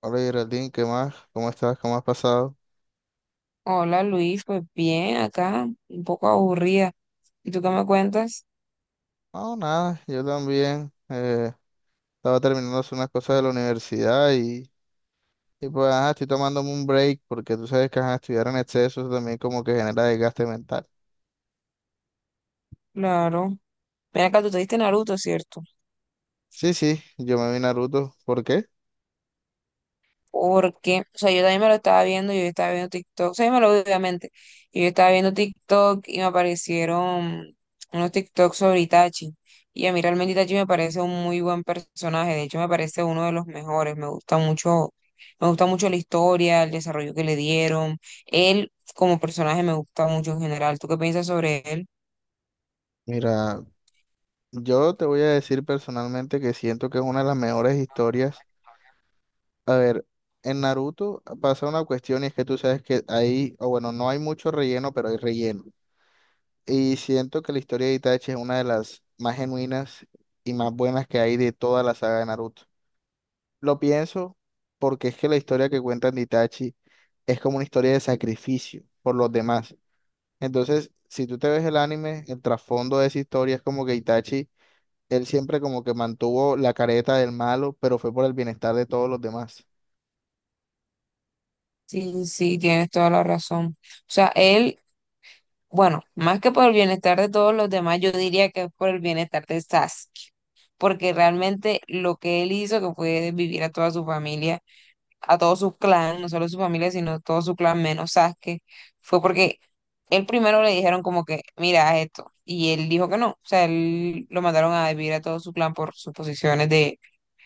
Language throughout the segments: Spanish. Hola Geraldine, ¿qué más? ¿Cómo estás? ¿Cómo has pasado? Hola Luis, pues bien, acá, un poco aburrida. ¿Y tú qué me cuentas? No, nada, yo también. Estaba terminando de hacer unas cosas de la universidad y pues ajá, estoy tomándome un break porque tú sabes que ajá, estudiar en exceso eso también como que genera desgaste mental. Claro. Mira acá, tú te diste Naruto, ¿cierto? Sí, sí, yo me vi Naruto. ¿Por qué? Porque, o sea, yo también me lo estaba viendo, yo estaba viendo TikTok, o sea, yo me lo vi obviamente, y yo estaba viendo TikTok y me aparecieron unos TikToks sobre Itachi. Y a mí realmente Itachi me parece un muy buen personaje, de hecho me parece uno de los mejores, me gusta mucho la historia, el desarrollo que le dieron. Él como personaje me gusta mucho en general. ¿Tú qué piensas sobre él? Mira, yo te voy a decir personalmente que siento que es una de las mejores historias. A ver, en Naruto pasa una cuestión y es que tú sabes que ahí, o bueno, no hay mucho relleno, pero hay relleno. Y siento que la historia de Itachi es una de las más genuinas y más buenas que hay de toda la saga de Naruto. Lo pienso porque es que la historia que cuentan de Itachi es como una historia de sacrificio por los demás. Entonces, si tú te ves el anime, el trasfondo de esa historia es como que Itachi, él siempre como que mantuvo la careta del malo, pero fue por el bienestar de todos los demás, Sí, sí, tienes toda la razón. O sea, él, bueno, más que por el bienestar de todos los demás, yo diría que es por el bienestar de Sasuke, porque realmente lo que él hizo, que fue vivir a toda su familia, a todo su clan, no solo su familia, sino todo su clan menos Sasuke, fue porque él primero le dijeron como que, mira, haz esto, y él dijo que no, o sea, él lo mandaron a vivir a todo su clan por sus posiciones de,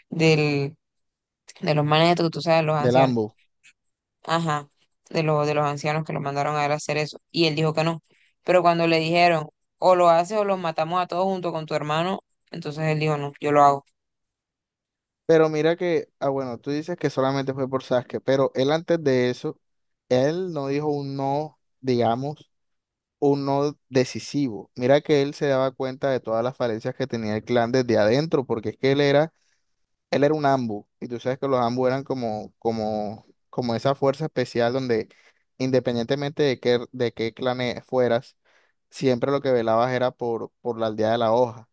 del, de los manes, estos que tú sabes, los del ancianos. ambos. Ajá, de, de los ancianos que lo mandaron a él a hacer eso. Y él dijo que no. Pero cuando le dijeron, o lo haces o los matamos a todos junto con tu hermano, entonces él dijo, no, yo lo hago. Pero mira que, ah, bueno, tú dices que solamente fue por Sasuke, pero él antes de eso, él no dijo un no, digamos un no decisivo. Mira que él se daba cuenta de todas las falencias que tenía el clan desde adentro, porque es que él era un ambu, y tú sabes que los ambu eran como, como esa fuerza especial donde independientemente de qué clan e- fueras, siempre lo que velabas era por la aldea de la hoja.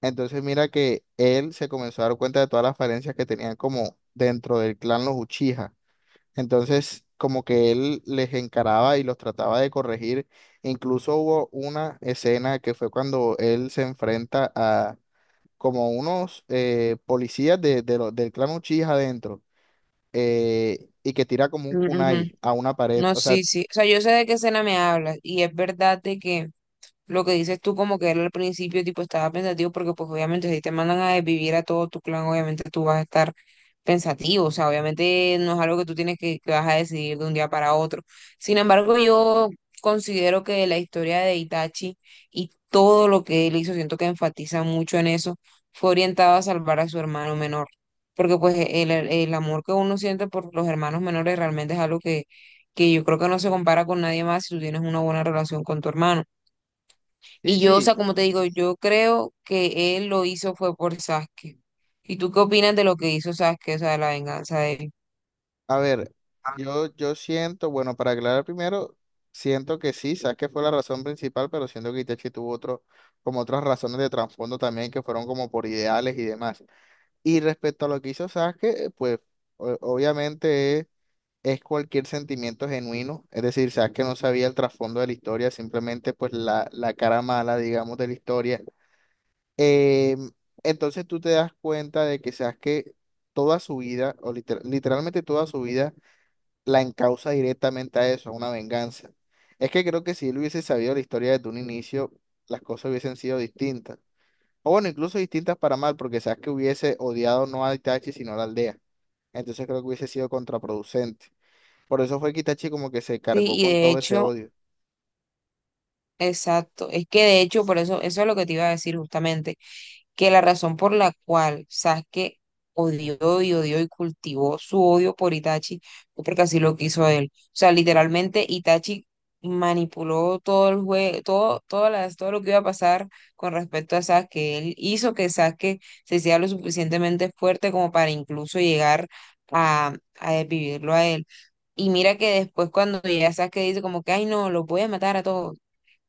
Entonces mira que él se comenzó a dar cuenta de todas las falencias que tenían como dentro del clan los Uchiha. Entonces, como que él les encaraba y los trataba de corregir. Incluso hubo una escena que fue cuando él se enfrenta a como unos policías de lo- del clan Uchiha adentro, y que tira como un Mm, ujú. kunai a una pared. No, O sea, sí, sí. O sea, yo sé de qué escena me hablas y es verdad de que lo que dices tú, como que él al principio, tipo, estaba pensativo, porque pues obviamente si te mandan a desvivir a todo tu clan, obviamente tú vas a estar pensativo, o sea, obviamente no es algo que tú tienes que vas a decidir de un día para otro. Sin embargo, yo considero que la historia de Itachi y todo lo que él hizo, siento que enfatiza mucho en eso, fue orientado a salvar a su hermano menor, porque pues el, el amor que uno siente por los hermanos menores realmente es algo que yo creo que no se compara con nadie más si tú tienes una buena relación con tu hermano. sí, Y yo, o sea, sí. como te digo, yo creo que él lo hizo fue por Sasuke. ¿Y tú qué opinas de lo que hizo Sasuke, o sea, de la venganza de él? A ver, yo siento, bueno, para aclarar primero, siento que sí, que fue la razón principal, pero siento que Itachi tuvo otro, como otras razones de trasfondo también que fueron como por ideales y demás. Y respecto a lo que hizo Sasuke, pues o- obviamente es cualquier sentimiento genuino, es decir, Sasuke no sabía el trasfondo de la historia, simplemente pues la cara mala, digamos, de la historia. Eh, entonces tú te das cuenta de que Sasuke toda su vida, o liter- literalmente toda su vida, la encausa directamente a eso, a una venganza. Es que creo que si él hubiese sabido la historia desde un inicio, las cosas hubiesen sido distintas. O bueno, incluso distintas para mal, porque sabes que hubiese odiado no a Itachi, sino a la aldea. Entonces creo que hubiese sido contraproducente. Por eso fue que Itachi como que se Sí, cargó y con de todo ese hecho, odio. exacto, es que de hecho, por eso, eso es lo que te iba a decir justamente, que la razón por la cual Sasuke odió y odió y cultivó su odio por Itachi fue porque así lo quiso él. O sea, literalmente Itachi manipuló todo el juego, todo, todas las, todo lo que iba a pasar con respecto a Sasuke. Él hizo que Sasuke se hiciera lo suficientemente fuerte como para incluso llegar a, a desvivirlo a él. Y mira que después cuando llega Sasuke dice como que, ay no, los voy a matar a todos.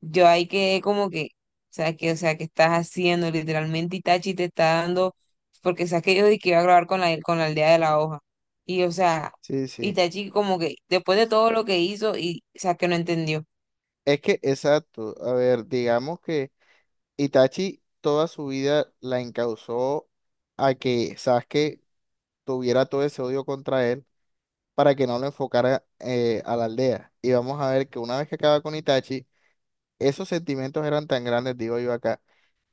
Yo ahí quedé como que, o sea, que, o sea, que estás haciendo, literalmente Itachi te está dando, porque sabes que yo dije que iba a grabar con la aldea de la hoja. Y o sea, Sí, sí. Itachi como que después de todo lo que hizo y o sea, que no entendió. Es que, exacto. A ver, digamos que Itachi toda su vida la encausó a que Sasuke tuviera todo ese odio contra él para que no lo enfocara, a la aldea. Y vamos a ver que una vez que acaba con Itachi, esos sentimientos eran tan grandes, digo yo acá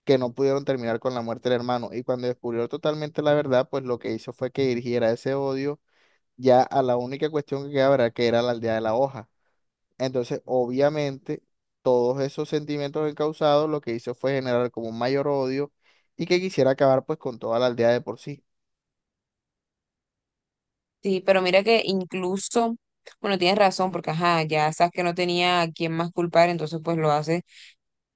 que no pudieron terminar con la muerte del hermano. Y cuando descubrió totalmente la verdad, pues lo que hizo fue que dirigiera ese odio ya a la única cuestión que quedaba, era que era la aldea de la hoja. Entonces, obviamente, todos esos sentimientos encausados lo que hizo fue generar como un mayor odio y que quisiera acabar pues con toda la aldea de por sí. Sí, pero mira que incluso, bueno, tienes razón, porque ajá, ya sabes que no tenía a quién más culpar, entonces pues lo hace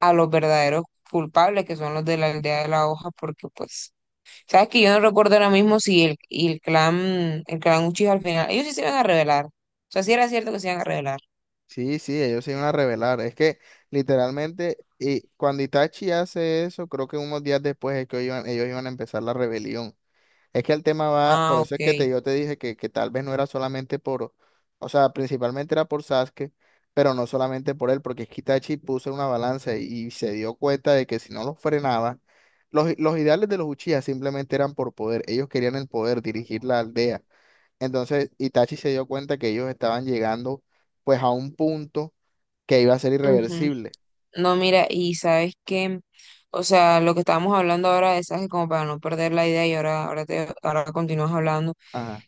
a los verdaderos culpables, que son los de la aldea de la hoja, porque pues sabes que yo no recuerdo ahora mismo si el, y el clan Uchiha al final, ellos sí se iban a revelar. O sea, sí era cierto que se iban a revelar. Sí, sí, ellos se iban a rebelar. Es que literalmente, y cuando Itachi hace eso, creo que unos días después es que ellos iban a empezar la rebelión. Es que el tema va, por Ah, eso es que ok. te, yo te dije que tal vez no era solamente por, o sea, principalmente era por Sasuke, pero no solamente por él, porque es que Itachi puso en una balanza y se dio cuenta de que si no los frenaba, los ideales de los Uchiha simplemente eran por poder, ellos querían el poder, dirigir la aldea. Entonces Itachi se dio cuenta que ellos estaban llegando pues a un punto que iba a ser Ujú. irreversible. No, mira, y sabes que, o sea, lo que estábamos hablando ahora de Sasuke, como para no perder la idea y ahora, ahora te, ahora continúas hablando. Ajá,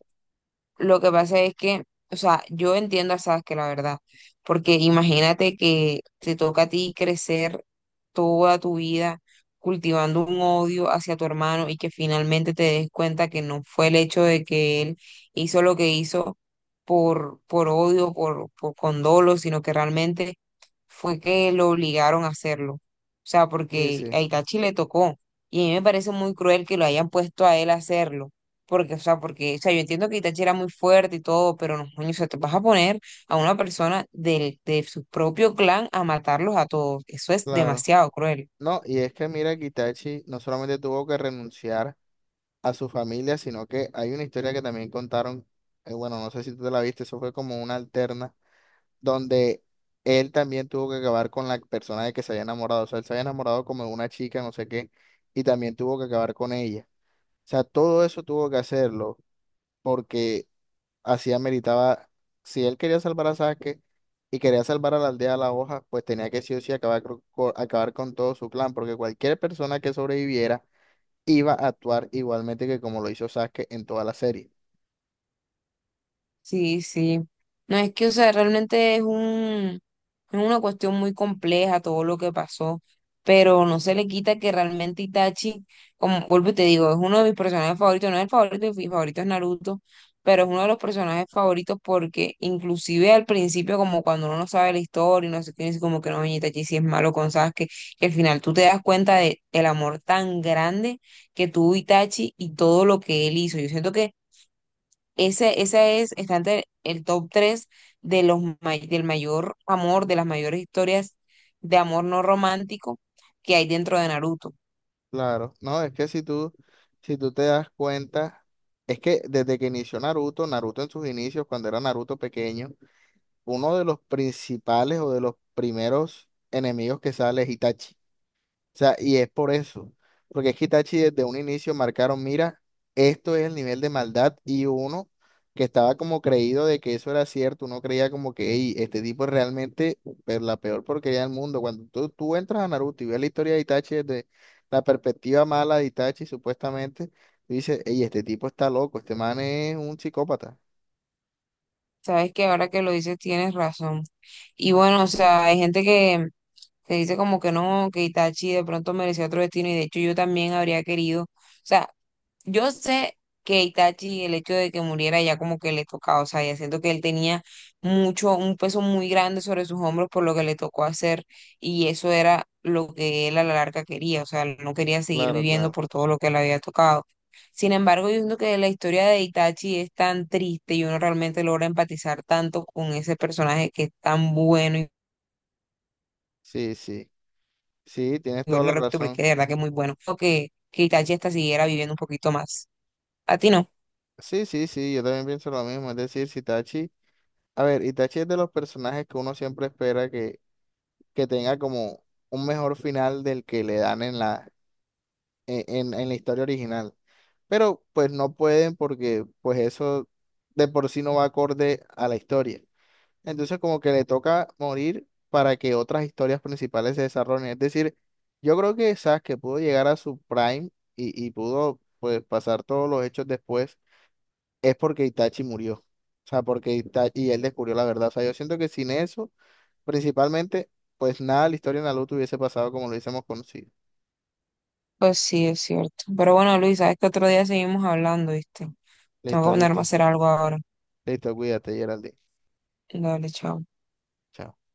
Lo que pasa es que, o sea, yo entiendo a Sasuke, la verdad, porque imagínate que te toca a ti crecer toda tu vida cultivando un odio hacia tu hermano y que finalmente te des cuenta que no fue el hecho de que él hizo lo que hizo por odio, por condolo, sino que realmente fue que lo obligaron a hacerlo. O sea, sí, porque sí, a Itachi le tocó, y a mí me parece muy cruel que lo hayan puesto a él a hacerlo porque, o sea, yo entiendo que Itachi era muy fuerte y todo, pero no, coño, o sea, te vas a poner a una persona del, de su propio clan a matarlos a todos. Eso es claro. demasiado cruel. No, y es que mira que Itachi no solamente tuvo que renunciar a su familia, sino que hay una historia que también contaron. Bueno, no sé si tú te la viste, eso fue como una alterna, donde él también tuvo que acabar con la persona de que se había enamorado, o sea, él se había enamorado como de una chica, no sé qué, y también tuvo que acabar con ella. O sea, todo eso tuvo que hacerlo porque así ameritaba, si él quería salvar a Sasuke y quería salvar a la aldea de la hoja, pues tenía que sí o sí acabar, cro- co- acabar con todo su clan, porque cualquier persona que sobreviviera, iba a actuar igualmente que como lo hizo Sasuke en toda la serie. Sí, sí. No, es que, o sea, realmente es un, es una cuestión muy compleja todo lo que pasó, pero no se le quita que realmente Itachi, como vuelvo y te digo, es uno de mis personajes favoritos, no es el favorito, mi favorito es Naruto, pero es uno de los personajes favoritos porque inclusive al principio, como cuando uno no sabe la historia y no sé qué, es como que no, oye, Itachi si es malo con Sasuke, que al final tú te das cuenta de el amor tan grande que tuvo Itachi y todo lo que él hizo. Yo siento que ese es, está entre el top 3 de los, del mayor amor, de las mayores historias de amor no romántico que hay dentro de Naruto. Claro, no, es que si tú te das cuenta, es que desde que inició Naruto, Naruto en sus inicios, cuando era Naruto pequeño, uno de los principales o de los primeros enemigos que sale es Itachi. O sea, y es por eso, porque es que Itachi desde un inicio marcaron, mira, esto es el nivel de maldad y uno que estaba como creído de que eso era cierto, uno creía como que: "Ey, este tipo es realmente pe- la peor porquería del mundo". Cuando tú entras a Naruto y ves la historia de Itachi desde la perspectiva mala de Itachi, supuestamente, tú dices, ey, este tipo está loco, este man es un psicópata. Sabes que ahora que lo dices tienes razón. Y bueno, o sea, hay gente que dice como que no, que Itachi de pronto merecía otro destino y de hecho yo también habría querido. O sea, yo sé que Itachi, el hecho de que muriera ya como que le tocaba, o sea, ya siento que él tenía mucho, un peso muy grande sobre sus hombros por lo que le tocó hacer y eso era lo que él a la larga quería, o sea, él no quería seguir Claro, viviendo claro. por todo lo que le había tocado. Sin embargo, yo siento que la historia de Itachi es tan triste y uno realmente logra empatizar tanto con ese personaje que es tan bueno y Sí, sí. Sí, tienes yo toda lo la repito razón. porque de verdad que es muy bueno. Creo que Itachi hasta siguiera viviendo un poquito más. ¿A ti no? Sí, sí, sí, yo también pienso lo mismo. Es decir, si Itachi... A ver, Itachi es de los personajes que uno siempre espera que tenga como un mejor final del que le dan en en la historia original. Pero pues no pueden porque pues eso de por sí no va acorde a la historia. Entonces como que le toca morir para que otras historias principales se desarrollen. Es decir, yo creo que Sasuke pudo llegar a su prime y pudo pues pasar todos los hechos después es porque Itachi murió. O sea, porque Itachi, y él descubrió la verdad. O sea, yo siento que sin eso, principalmente, pues nada, la historia de Naruto hubiese pasado como lo hubiésemos conocido. Pues sí, es cierto. Pero bueno, Luis, sabes que otro día seguimos hablando, ¿viste? Tengo Listo, que ponerme a listo. hacer algo ahora. Listo, cuídate, Geraldine. Dale, chao. Chao.